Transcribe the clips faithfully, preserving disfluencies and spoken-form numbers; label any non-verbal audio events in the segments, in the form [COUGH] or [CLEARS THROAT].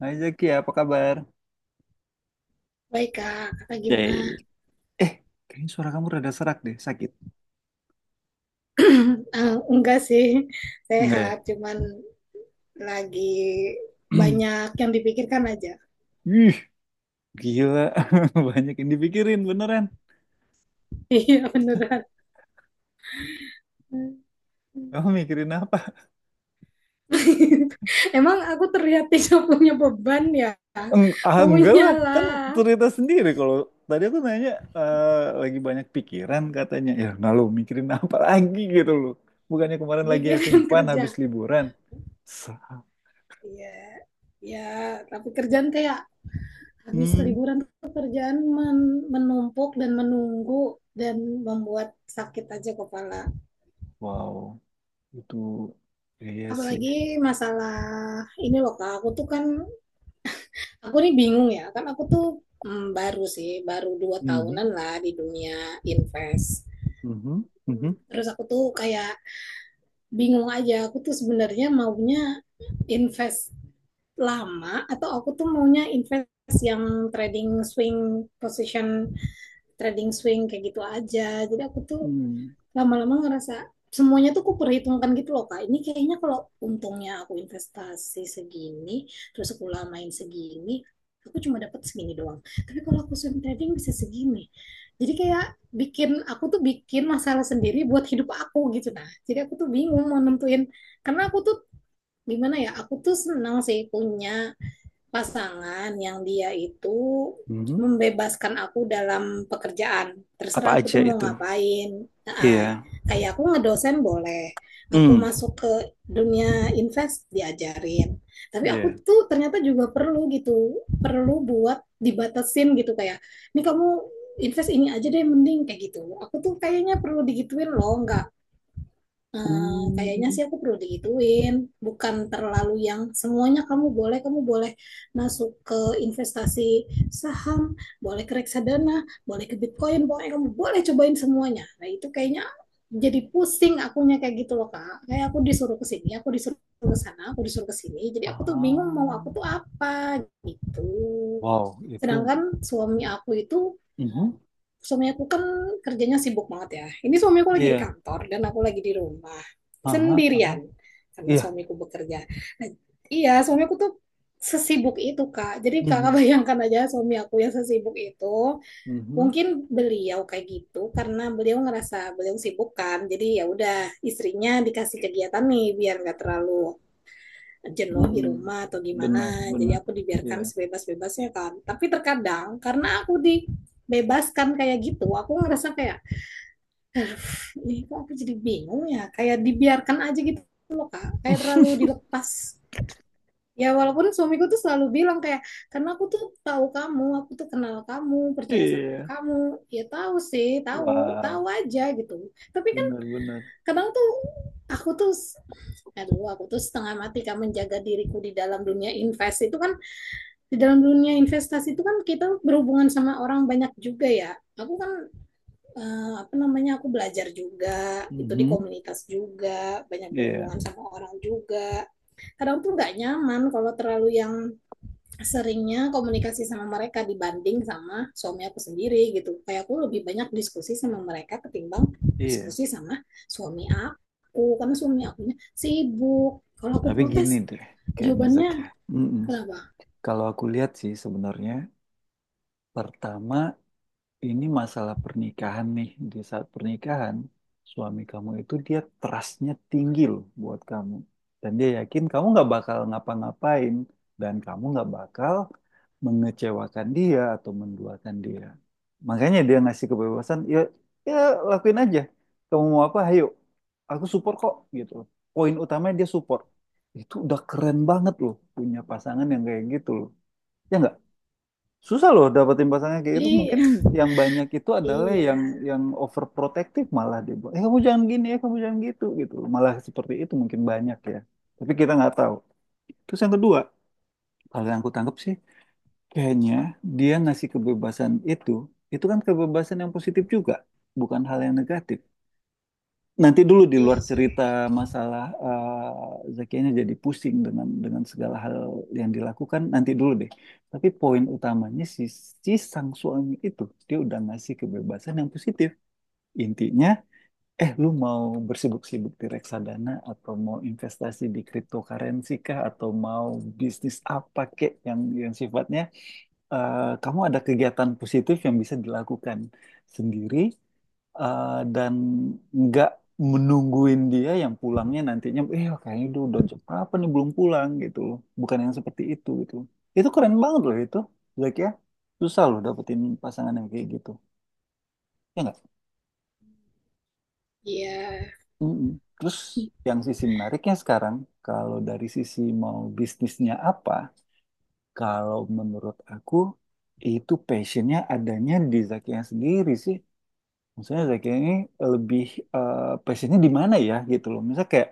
Hai Zaki, apa kabar? Baik kak, kakak gimana? Yay. Eh, kayaknya suara kamu rada serak deh, sakit. [CLEARS THROAT] Eh, enggak sih, Enggak ya? sehat. Cuman lagi [CLEARS THROAT] banyak yang dipikirkan aja. [LAUGHS] Ih, gila. [LAUGHS] Banyak yang dipikirin, beneran. Iya beneran. Kamu mikirin apa? [LAUGHS] Emang aku terlihat tidak punya beban ya? Eng- ah, enggak Punya lah, kan lah, cerita sendiri. Kalau tadi aku nanya, eh, lagi banyak pikiran katanya. Ya, nah lo mikirin apa [LAUGHS] lagi gitu loh. Bukannya kemarin lagi having mikirin fun habis kerja. liburan. Sa- Iya, ya. Tapi kerjaan kayak habis Hmm, liburan tuh kerjaan men- menumpuk dan menunggu dan membuat sakit aja kepala. wow, itu iya sih. Apalagi masalah ini loh Kak, aku tuh kan aku nih bingung ya, kan aku tuh mm, baru sih, baru dua Mhm, tahunan lah di dunia invest. mhm, mhm, Terus aku tuh kayak bingung aja, aku tuh sebenarnya maunya invest lama atau aku tuh maunya invest yang trading swing position, trading swing kayak gitu aja. Jadi aku tuh mhm, lama-lama ngerasa semuanya tuh aku perhitungkan gitu loh Kak. Ini kayaknya kalau untungnya aku investasi segini, terus aku lamain segini, aku cuma dapat segini doang. Tapi kalau aku swing trading bisa segini. Jadi kayak bikin aku tuh bikin masalah sendiri buat hidup aku gitu nah. Jadi aku tuh bingung mau nentuin karena aku tuh gimana ya, aku tuh senang sih punya pasangan yang dia itu mhm. membebaskan aku dalam pekerjaan. Apa Terserah aku aja tuh mau itu? ngapain. Nah, Iya. kayak aku ngedosen boleh. Aku Hmm. masuk ke dunia invest diajarin. Tapi aku Iya. tuh ternyata juga perlu gitu. Perlu buat dibatasin gitu kayak, ini kamu invest ini aja deh mending kayak gitu. Aku tuh kayaknya perlu digituin loh, nggak. Eh, kayaknya Hmm. sih aku perlu digituin, bukan terlalu yang semuanya kamu boleh, kamu boleh masuk ke investasi saham, boleh ke reksadana, boleh ke Bitcoin, boleh kamu boleh cobain semuanya. Nah, itu kayaknya jadi pusing akunya kayak gitu loh, Kak. Kayak aku disuruh ke sini, aku disuruh ke sana, aku disuruh ke sini. Jadi aku tuh bingung mau Ah. aku tuh apa gitu. Wow, itu. Sedangkan suami aku itu Mhm. suami aku kan kerjanya sibuk banget ya. Ini suami aku lagi di Iya. kantor dan aku lagi di rumah Aha, aha. sendirian karena Iya. suamiku bekerja. Nah, iya, suami aku tuh sesibuk itu, Kak. Jadi Kakak [LAUGHS] Mhm. bayangkan aja suami aku yang sesibuk itu. Mhm. Mungkin beliau kayak gitu karena beliau ngerasa beliau sibuk kan. Jadi ya udah istrinya dikasih kegiatan nih biar nggak terlalu jenuh di Mhm. rumah atau Benar, gimana. Jadi benar. aku Iya. dibiarkan sebebas-bebasnya kan. Tapi terkadang karena aku dibebaskan kayak gitu, aku ngerasa kayak, ini kok aku jadi bingung ya. Kayak dibiarkan aja gitu loh Kak. Kayak terlalu dilepas. Ya walaupun suamiku tuh selalu bilang kayak, karena aku tuh tahu kamu, aku tuh kenal kamu, percaya sama Iya. kamu. Ya tahu sih, tahu, tahu Wow, aja gitu. Tapi kan benar, benar. kadang tuh aku tuh aduh, aku tuh setengah mati kan menjaga diriku di dalam dunia invest itu kan, di dalam dunia investasi itu kan kita berhubungan sama orang banyak juga ya. Aku kan eh, apa namanya, aku belajar juga itu di Mhm. komunitas juga, banyak Iya, berhubungan sama orang juga. Kadang tuh nggak nyaman kalau terlalu yang seringnya komunikasi sama mereka dibanding sama suami aku sendiri gitu. Kayak aku lebih banyak diskusi sama mereka ketimbang iya. diskusi sama suami aku karena suami akunya sibuk. Kalau aku Tapi gini protes deh, kayaknya Zak ya. jawabannya Mm-mm. kenapa? Kalau aku lihat sih sebenarnya pertama. Ini masalah pernikahan nih. Di saat pernikahan, suami kamu itu dia trustnya tinggi loh buat kamu. Dan dia yakin kamu nggak bakal ngapa-ngapain. Dan kamu nggak bakal mengecewakan dia atau menduakan dia. Makanya dia ngasih kebebasan, ya, ya lakuin aja. Kamu mau apa, ayo. Aku support kok, gitu loh. Poin utamanya dia support. Itu udah keren banget loh punya pasangan yang kayak gitu loh. Ya nggak? Susah loh dapetin pasangan kayak gitu. Li, Mungkin yang banyak itu adalah iya. yang yang overprotective malah dia buat. Eh kamu jangan gini, eh kamu jangan gitu gitu. Malah seperti itu mungkin banyak ya. Tapi kita nggak tahu. Terus yang kedua, kalau yang aku tangkap sih, kayaknya dia ngasih kebebasan itu, itu kan kebebasan yang positif juga, bukan hal yang negatif. Nanti dulu, di Iya luar sih. cerita masalah eh, Zakianya jadi pusing dengan dengan segala hal yang dilakukan, nanti dulu deh. Tapi poin utamanya si, si sang suami itu dia udah ngasih kebebasan yang positif. Intinya, eh lu mau bersibuk-sibuk di reksadana atau mau investasi di cryptocurrency kah atau mau bisnis apa kek yang yang sifatnya eh, kamu ada kegiatan positif yang bisa dilakukan sendiri, eh, dan nggak menungguin dia yang pulangnya nantinya, eh kayaknya udah udah jam berapa nih belum pulang, gitu loh, bukan yang seperti itu gitu. Itu keren banget loh itu, Zack ya. Susah loh dapetin pasangan yang kayak gitu, ya nggak? Iya. Mm-mm. Terus yang sisi menariknya sekarang, kalau dari sisi mau bisnisnya apa, kalau menurut aku itu passionnya adanya di Zakinya sendiri sih. Misalnya Zakinya ini lebih eh, passionnya di mana ya gitu loh, misalnya kayak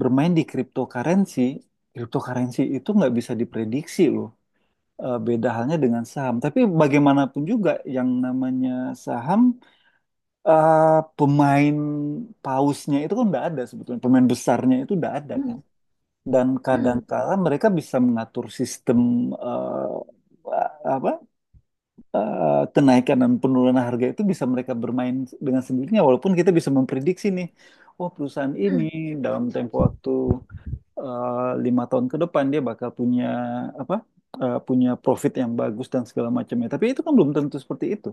bermain di cryptocurrency, cryptocurrency itu nggak bisa diprediksi loh. Eh, beda halnya dengan saham. Tapi bagaimanapun juga yang namanya saham, eh, pemain pausnya itu kan nggak ada sebetulnya. Pemain besarnya itu nggak ada kan. Hmm, Dan hmm, kadang-kala mereka bisa mengatur sistem, eh, apa eh, kenaikan dan penurunan harga itu bisa mereka bermain dengan sendirinya. Walaupun kita bisa memprediksi nih, oh perusahaan ini hmm, dalam tempo waktu eh, lima tahun ke depan dia bakal punya apa eh, punya profit yang bagus dan segala macamnya. Tapi itu kan belum tentu seperti itu.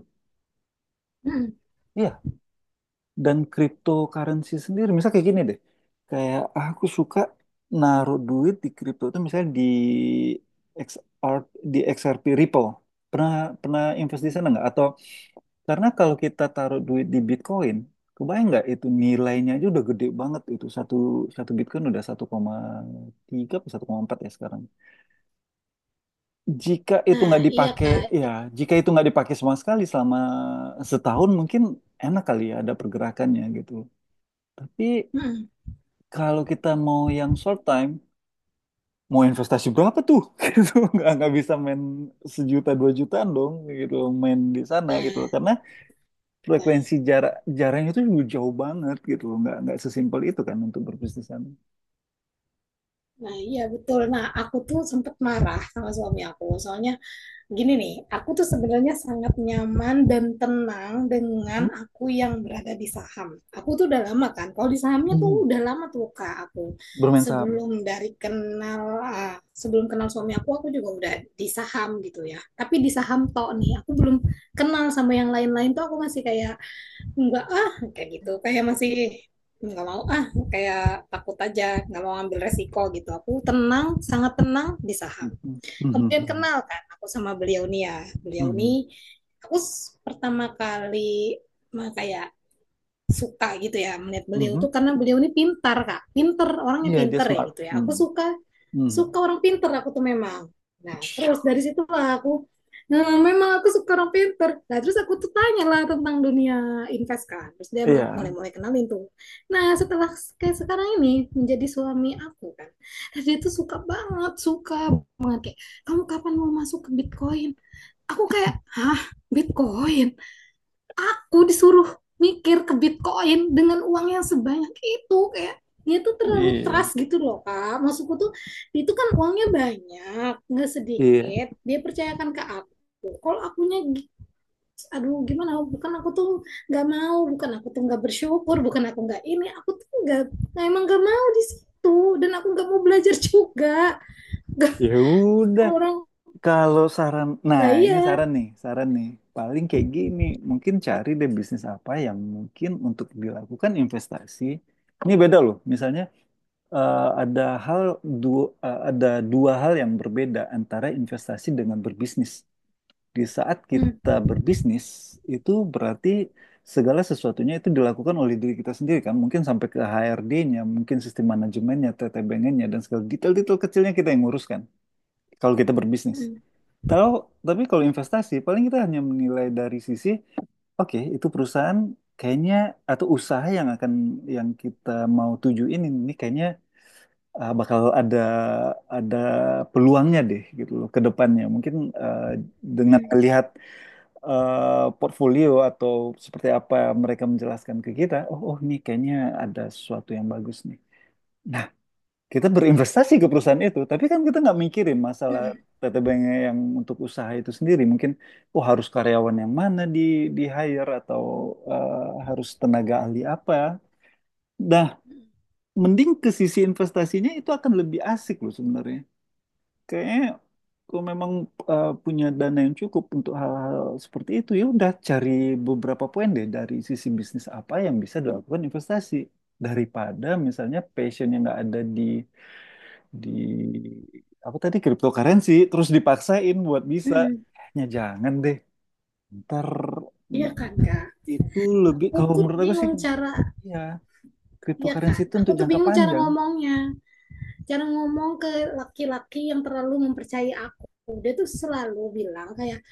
hmm, Iya. Dan cryptocurrency sendiri, misalnya kayak gini deh, kayak, "Ah, aku suka naruh duit di kripto itu misalnya di X R, di X R P Ripple. Pernah pernah invest di sana hmm. nggak? Atau karena kalau kita taruh duit di Bitcoin, kebayang nggak itu nilainya aja udah gede banget, itu satu satu Bitcoin udah satu koma tiga atau satu koma empat ya sekarang. Jika itu Nah, nggak iya dipakai, Kak. ya, jika itu nggak dipakai sama sekali selama setahun, mungkin enak kali ya ada pergerakannya gitu. Tapi Hmm. kalau kita mau yang short time, mau investasi berapa tuh? [LAUGHS] Gitu, nggak nggak bisa main sejuta dua jutaan dong, gitu main di sana Nah, gitu. Karena nah, frekuensi jarak jaraknya itu juga jauh banget gitu, nggak nggak sesimpel itu kan untuk berbisnis di sana. nah, iya betul. Nah, aku tuh sempet marah sama suami aku. Soalnya gini nih, aku tuh sebenarnya sangat nyaman dan tenang dengan Mhm. aku yang berada di saham. Aku tuh udah lama kan, kalau di sahamnya tuh Mhm. udah lama tuh Kak aku. Bermain saham. Sebelum dari kenal, ah, sebelum kenal suami aku, aku juga udah di saham gitu ya. Tapi di saham tok nih, aku belum kenal sama yang lain-lain, tuh aku masih kayak, enggak ah, kayak gitu. Kayak masih nggak mau ah, kayak takut aja, nggak mau ambil resiko gitu. Aku tenang, sangat tenang di saham. Mhm. Kemudian Mhm. kenal kan aku sama beliau nih ya. Beliau nih, Mhm. aku pertama kali mah kayak suka gitu ya melihat Mhm. beliau Mhm. tuh, karena beliau ini pintar Kak, pinter orangnya, Iya dia pinter ya smart. gitu ya, aku suka. Mhm. Mhm. Suka orang pinter aku tuh, memang. Nah, terus dari situ lah aku, nah memang aku suka orang pinter. Nah terus aku tuh tanya lah tentang dunia invest kan, terus dia Iya, mulai-mulai kenalin tuh. Nah setelah kayak sekarang ini menjadi suami aku kan, terus dia tuh suka banget, suka banget kayak, kamu kapan mau masuk ke Bitcoin? Aku kayak, hah, Bitcoin? Aku disuruh mikir ke Bitcoin dengan uang yang sebanyak itu, kayak dia tuh terlalu iya, trust gitu loh Kak, maksudku tuh itu kan uangnya banyak, nggak iya. sedikit dia percayakan ke aku. Kalau akunya gi- aduh gimana, bukan aku tuh nggak mau, bukan aku tuh nggak bersyukur, bukan aku nggak ini, aku tuh nggak. Nah, emang nggak mau di situ dan aku nggak mau belajar juga. Nggak, Ya udah, orang kalau saran, nah nah ini iya. saran nih, saran nih. Paling kayak gini, mungkin cari deh bisnis apa yang mungkin untuk dilakukan investasi. Ini beda loh, misalnya eh, ada hal dua, eh, ada dua hal yang berbeda antara investasi dengan berbisnis. Di saat kita Hmm, berbisnis, itu berarti segala sesuatunya itu dilakukan oleh diri kita sendiri kan. Mungkin sampai ke H R D-nya, mungkin sistem manajemennya, T T B N-nya, dan segala detail-detail kecilnya kita yang nguruskan kalau kita berbisnis. hmm, Kalau, tapi kalau investasi, paling kita hanya menilai dari sisi, oke, itu perusahaan kayaknya, atau usaha yang akan, yang kita mau tuju ini, ini kayaknya eh, bakal ada ada peluangnya deh gitu loh ke depannya. Mungkin eh, dengan hmm, melihat eh, portfolio atau seperti apa mereka menjelaskan ke kita, oh, oh nih kayaknya ada sesuatu yang bagus nih. Nah, kita berinvestasi ke perusahaan itu, tapi kan kita nggak mikirin hmm, masalah hmm, T T B-nya yang untuk usaha itu sendiri. Mungkin, oh harus karyawan yang mana di di hire atau eh, harus tenaga ahli apa. Nah, hmm. mending ke sisi investasinya itu akan lebih asik loh sebenarnya. Kayaknya kalau memang eh, punya dana yang cukup untuk hal-hal seperti itu, ya udah cari beberapa poin deh dari sisi bisnis apa yang bisa dilakukan investasi, daripada misalnya passion yang nggak ada di di apa tadi cryptocurrency terus dipaksain buat bisa, Hmm. ya jangan deh. Ntar Iya mm, kan Kak, itu lebih aku kalau tuh menurut aku sih bingung cara, ya, ya cryptocurrency kan itu aku untuk tuh jangka bingung cara panjang. ngomongnya, cara ngomong ke laki-laki yang terlalu mempercayai aku. Dia tuh selalu bilang kayak,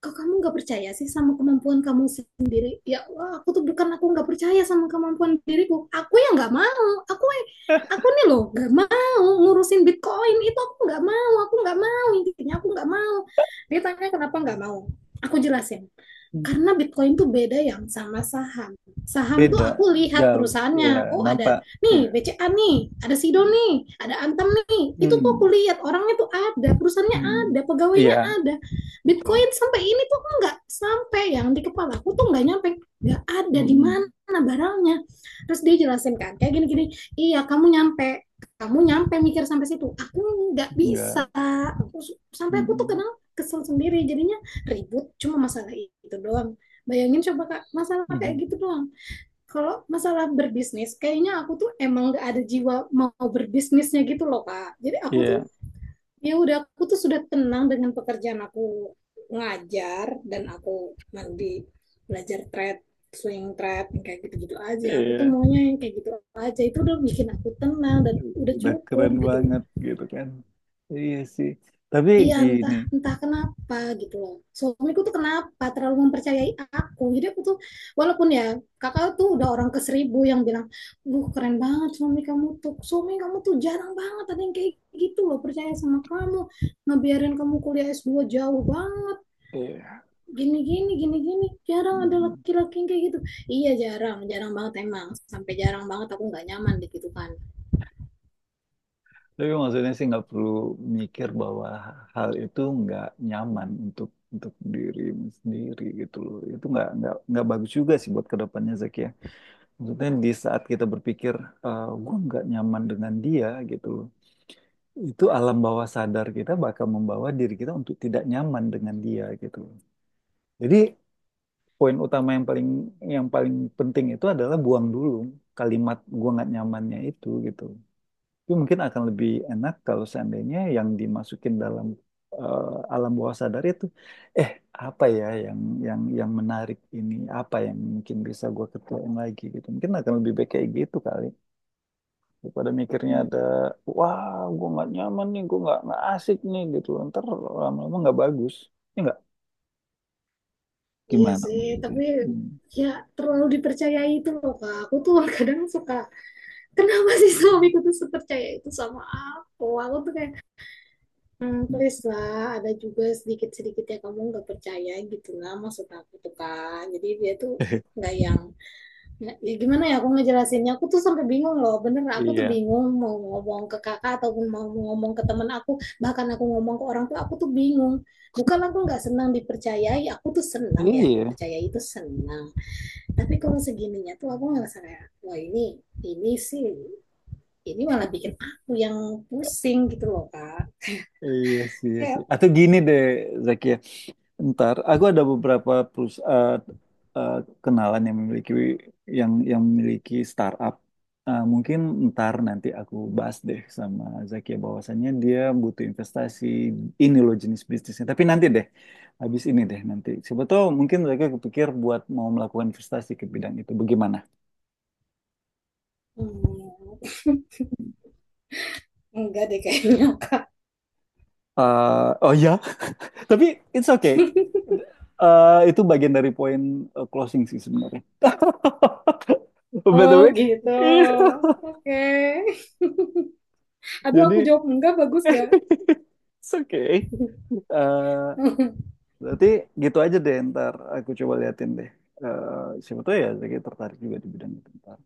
kok kamu nggak percaya sih sama kemampuan kamu sendiri? Ya Allah, aku tuh bukan aku nggak percaya sama kemampuan diriku, aku yang nggak mau. Aku aku nih loh nggak mau ngurusin Bitcoin itu, aku nggak mau, aku nggak mau, intinya aku nggak mau. Dia tanya kenapa nggak mau, aku jelasin Hmm. karena Bitcoin tuh beda yang sama saham. Saham tuh Beda aku lihat jauh ya perusahaannya. Oh ada nampak nih ya. B C A nih, ada Sido nih, ada Antam nih. Itu tuh aku Hmm. lihat orangnya tuh ada, perusahaannya Hmm. ada, Iya, pegawainya ada. betul. Bitcoin sampai ini tuh enggak sampai yang di kepala aku, tuh enggak nyampe, enggak ada di Mm-mm. mana barangnya. Terus dia jelasin kan kayak gini-gini. Iya kamu nyampe, kamu nyampe mikir sampai situ aku nggak Enggak. bisa. Aku sampai aku tuh Mm-mm. kenal kesel sendiri jadinya, ribut cuma masalah itu doang. Bayangin coba Kak, masalah kayak Mhm. gitu doang. Kalau masalah berbisnis, kayaknya aku tuh emang gak ada jiwa mau berbisnisnya gitu loh Kak. Jadi aku tuh, Iya, ya udah aku tuh sudah tenang dengan pekerjaan aku ngajar, dan aku nanti belajar trade swing trade yang kayak gitu-gitu aja, aku tuh iya. maunya yang kayak gitu aja, itu udah bikin aku tenang dan udah Udah cukup keren gitu. banget gitu kan. Iya sih. Tapi Iya, gini, entah entah kenapa gitu loh. Suamiku tuh kenapa terlalu mempercayai aku. Jadi aku tuh walaupun ya, kakak tuh udah orang ke seribu yang bilang, "Duh, keren banget suami kamu tuh. Suami kamu tuh jarang banget ada yang kayak gitu loh percaya sama kamu. Ngebiarin kamu kuliah s dua jauh banget. iya. Gini gini gini gini. Jarang ada Mhm. laki-laki yang kayak gitu." Iya, jarang, jarang banget emang. Sampai jarang banget aku nggak nyaman di gitu kan. Tapi maksudnya sih nggak perlu mikir bahwa hal itu nggak nyaman untuk untuk dirimu sendiri gitu loh. Itu nggak nggak nggak bagus juga sih buat kedepannya Zaki ya. Maksudnya di saat kita berpikir, eh gue nggak nyaman dengan dia gitu loh, itu alam bawah sadar kita bakal membawa diri kita untuk tidak nyaman dengan dia gitu. Jadi poin utama yang paling yang paling penting itu adalah buang dulu kalimat gua nggak nyamannya itu gitu. Itu mungkin akan lebih enak kalau seandainya yang dimasukin dalam eh, alam bawah sadar itu eh apa ya yang yang yang menarik ini apa yang mungkin bisa gua ketuain lagi gitu. Mungkin akan lebih baik kayak gitu kali, daripada mikirnya Hmm. ada wah gue nggak nyaman nih, gue nggak nggak asik nih gitu, ntar lama-lama nggak bagus, ya nggak, Iya gimana sih, maksudnya. tapi Hmm. ya terlalu dipercayai itu loh Kak. Aku tuh [LAUGHS] kadang suka, kenapa sih suamiku tuh sepercaya itu sama aku? Aku tuh kayak, hmm, please lah, ada juga sedikit-sedikit ya kamu nggak percaya gitu lah, maksud aku tuh Kak. Jadi dia tuh [LAUGHS] nggak yang, ya gimana ya aku ngejelasinnya, aku tuh sampai bingung loh, bener aku tuh Iya. bingung mau ngomong ke kakak ataupun mau ngomong ke teman aku, bahkan aku ngomong ke orang tuh aku tuh bingung. Bukan aku nggak senang dipercayai, aku tuh senang ya, iya dipercayai itu senang. Tapi kalau segininya tuh aku ngerasa kayak, wah ini, ini sih, ini malah bikin aku yang pusing gitu loh, Kak. iya sih iya Kayak, sih atau gini deh Zaki ya. Ntar, aku ada beberapa perus- eh, eh, kenalan yang memiliki yang yang memiliki startup. Eh, mungkin ntar nanti aku bahas deh sama Zakia bahwasannya dia butuh investasi ini loh jenis bisnisnya. Tapi nanti deh, habis ini deh nanti. Siapa tahu mungkin mereka kepikir buat mau melakukan investasi ke bidang itu. Bagaimana? hmm, enggak deh kayaknya, [LAUGHS] Kak. Eh, oh ya, [LAUGHS] tapi it's okay. Eh, itu bagian dari poin eh, closing sih sebenarnya. [LAUGHS] By the Oh way, gitu, iya. oke. Okay. Aduh, Jadi aku jawab enggak, bagus gak? [LAUGHS] it's okay. Eh, [LAUGHS] berarti gitu aja deh ntar aku coba liatin deh. Eh, siapa tahu ya Zaki tertarik juga di bidang itu ntar.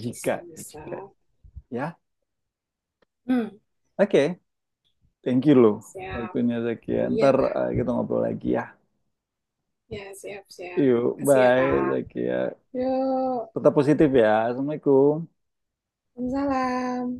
Jika, Bisa, bisa. jika ya. Hmm, Oke, thank you loh. siap. Waktunya Zaki ya. Iya, Ntar Kak. eh, kita ngobrol lagi ya. Ya, siap, siap. Yuk, Kasih ya, bye Kak. Zaki ya. Yuk, Tetap positif ya, assalamualaikum. salam.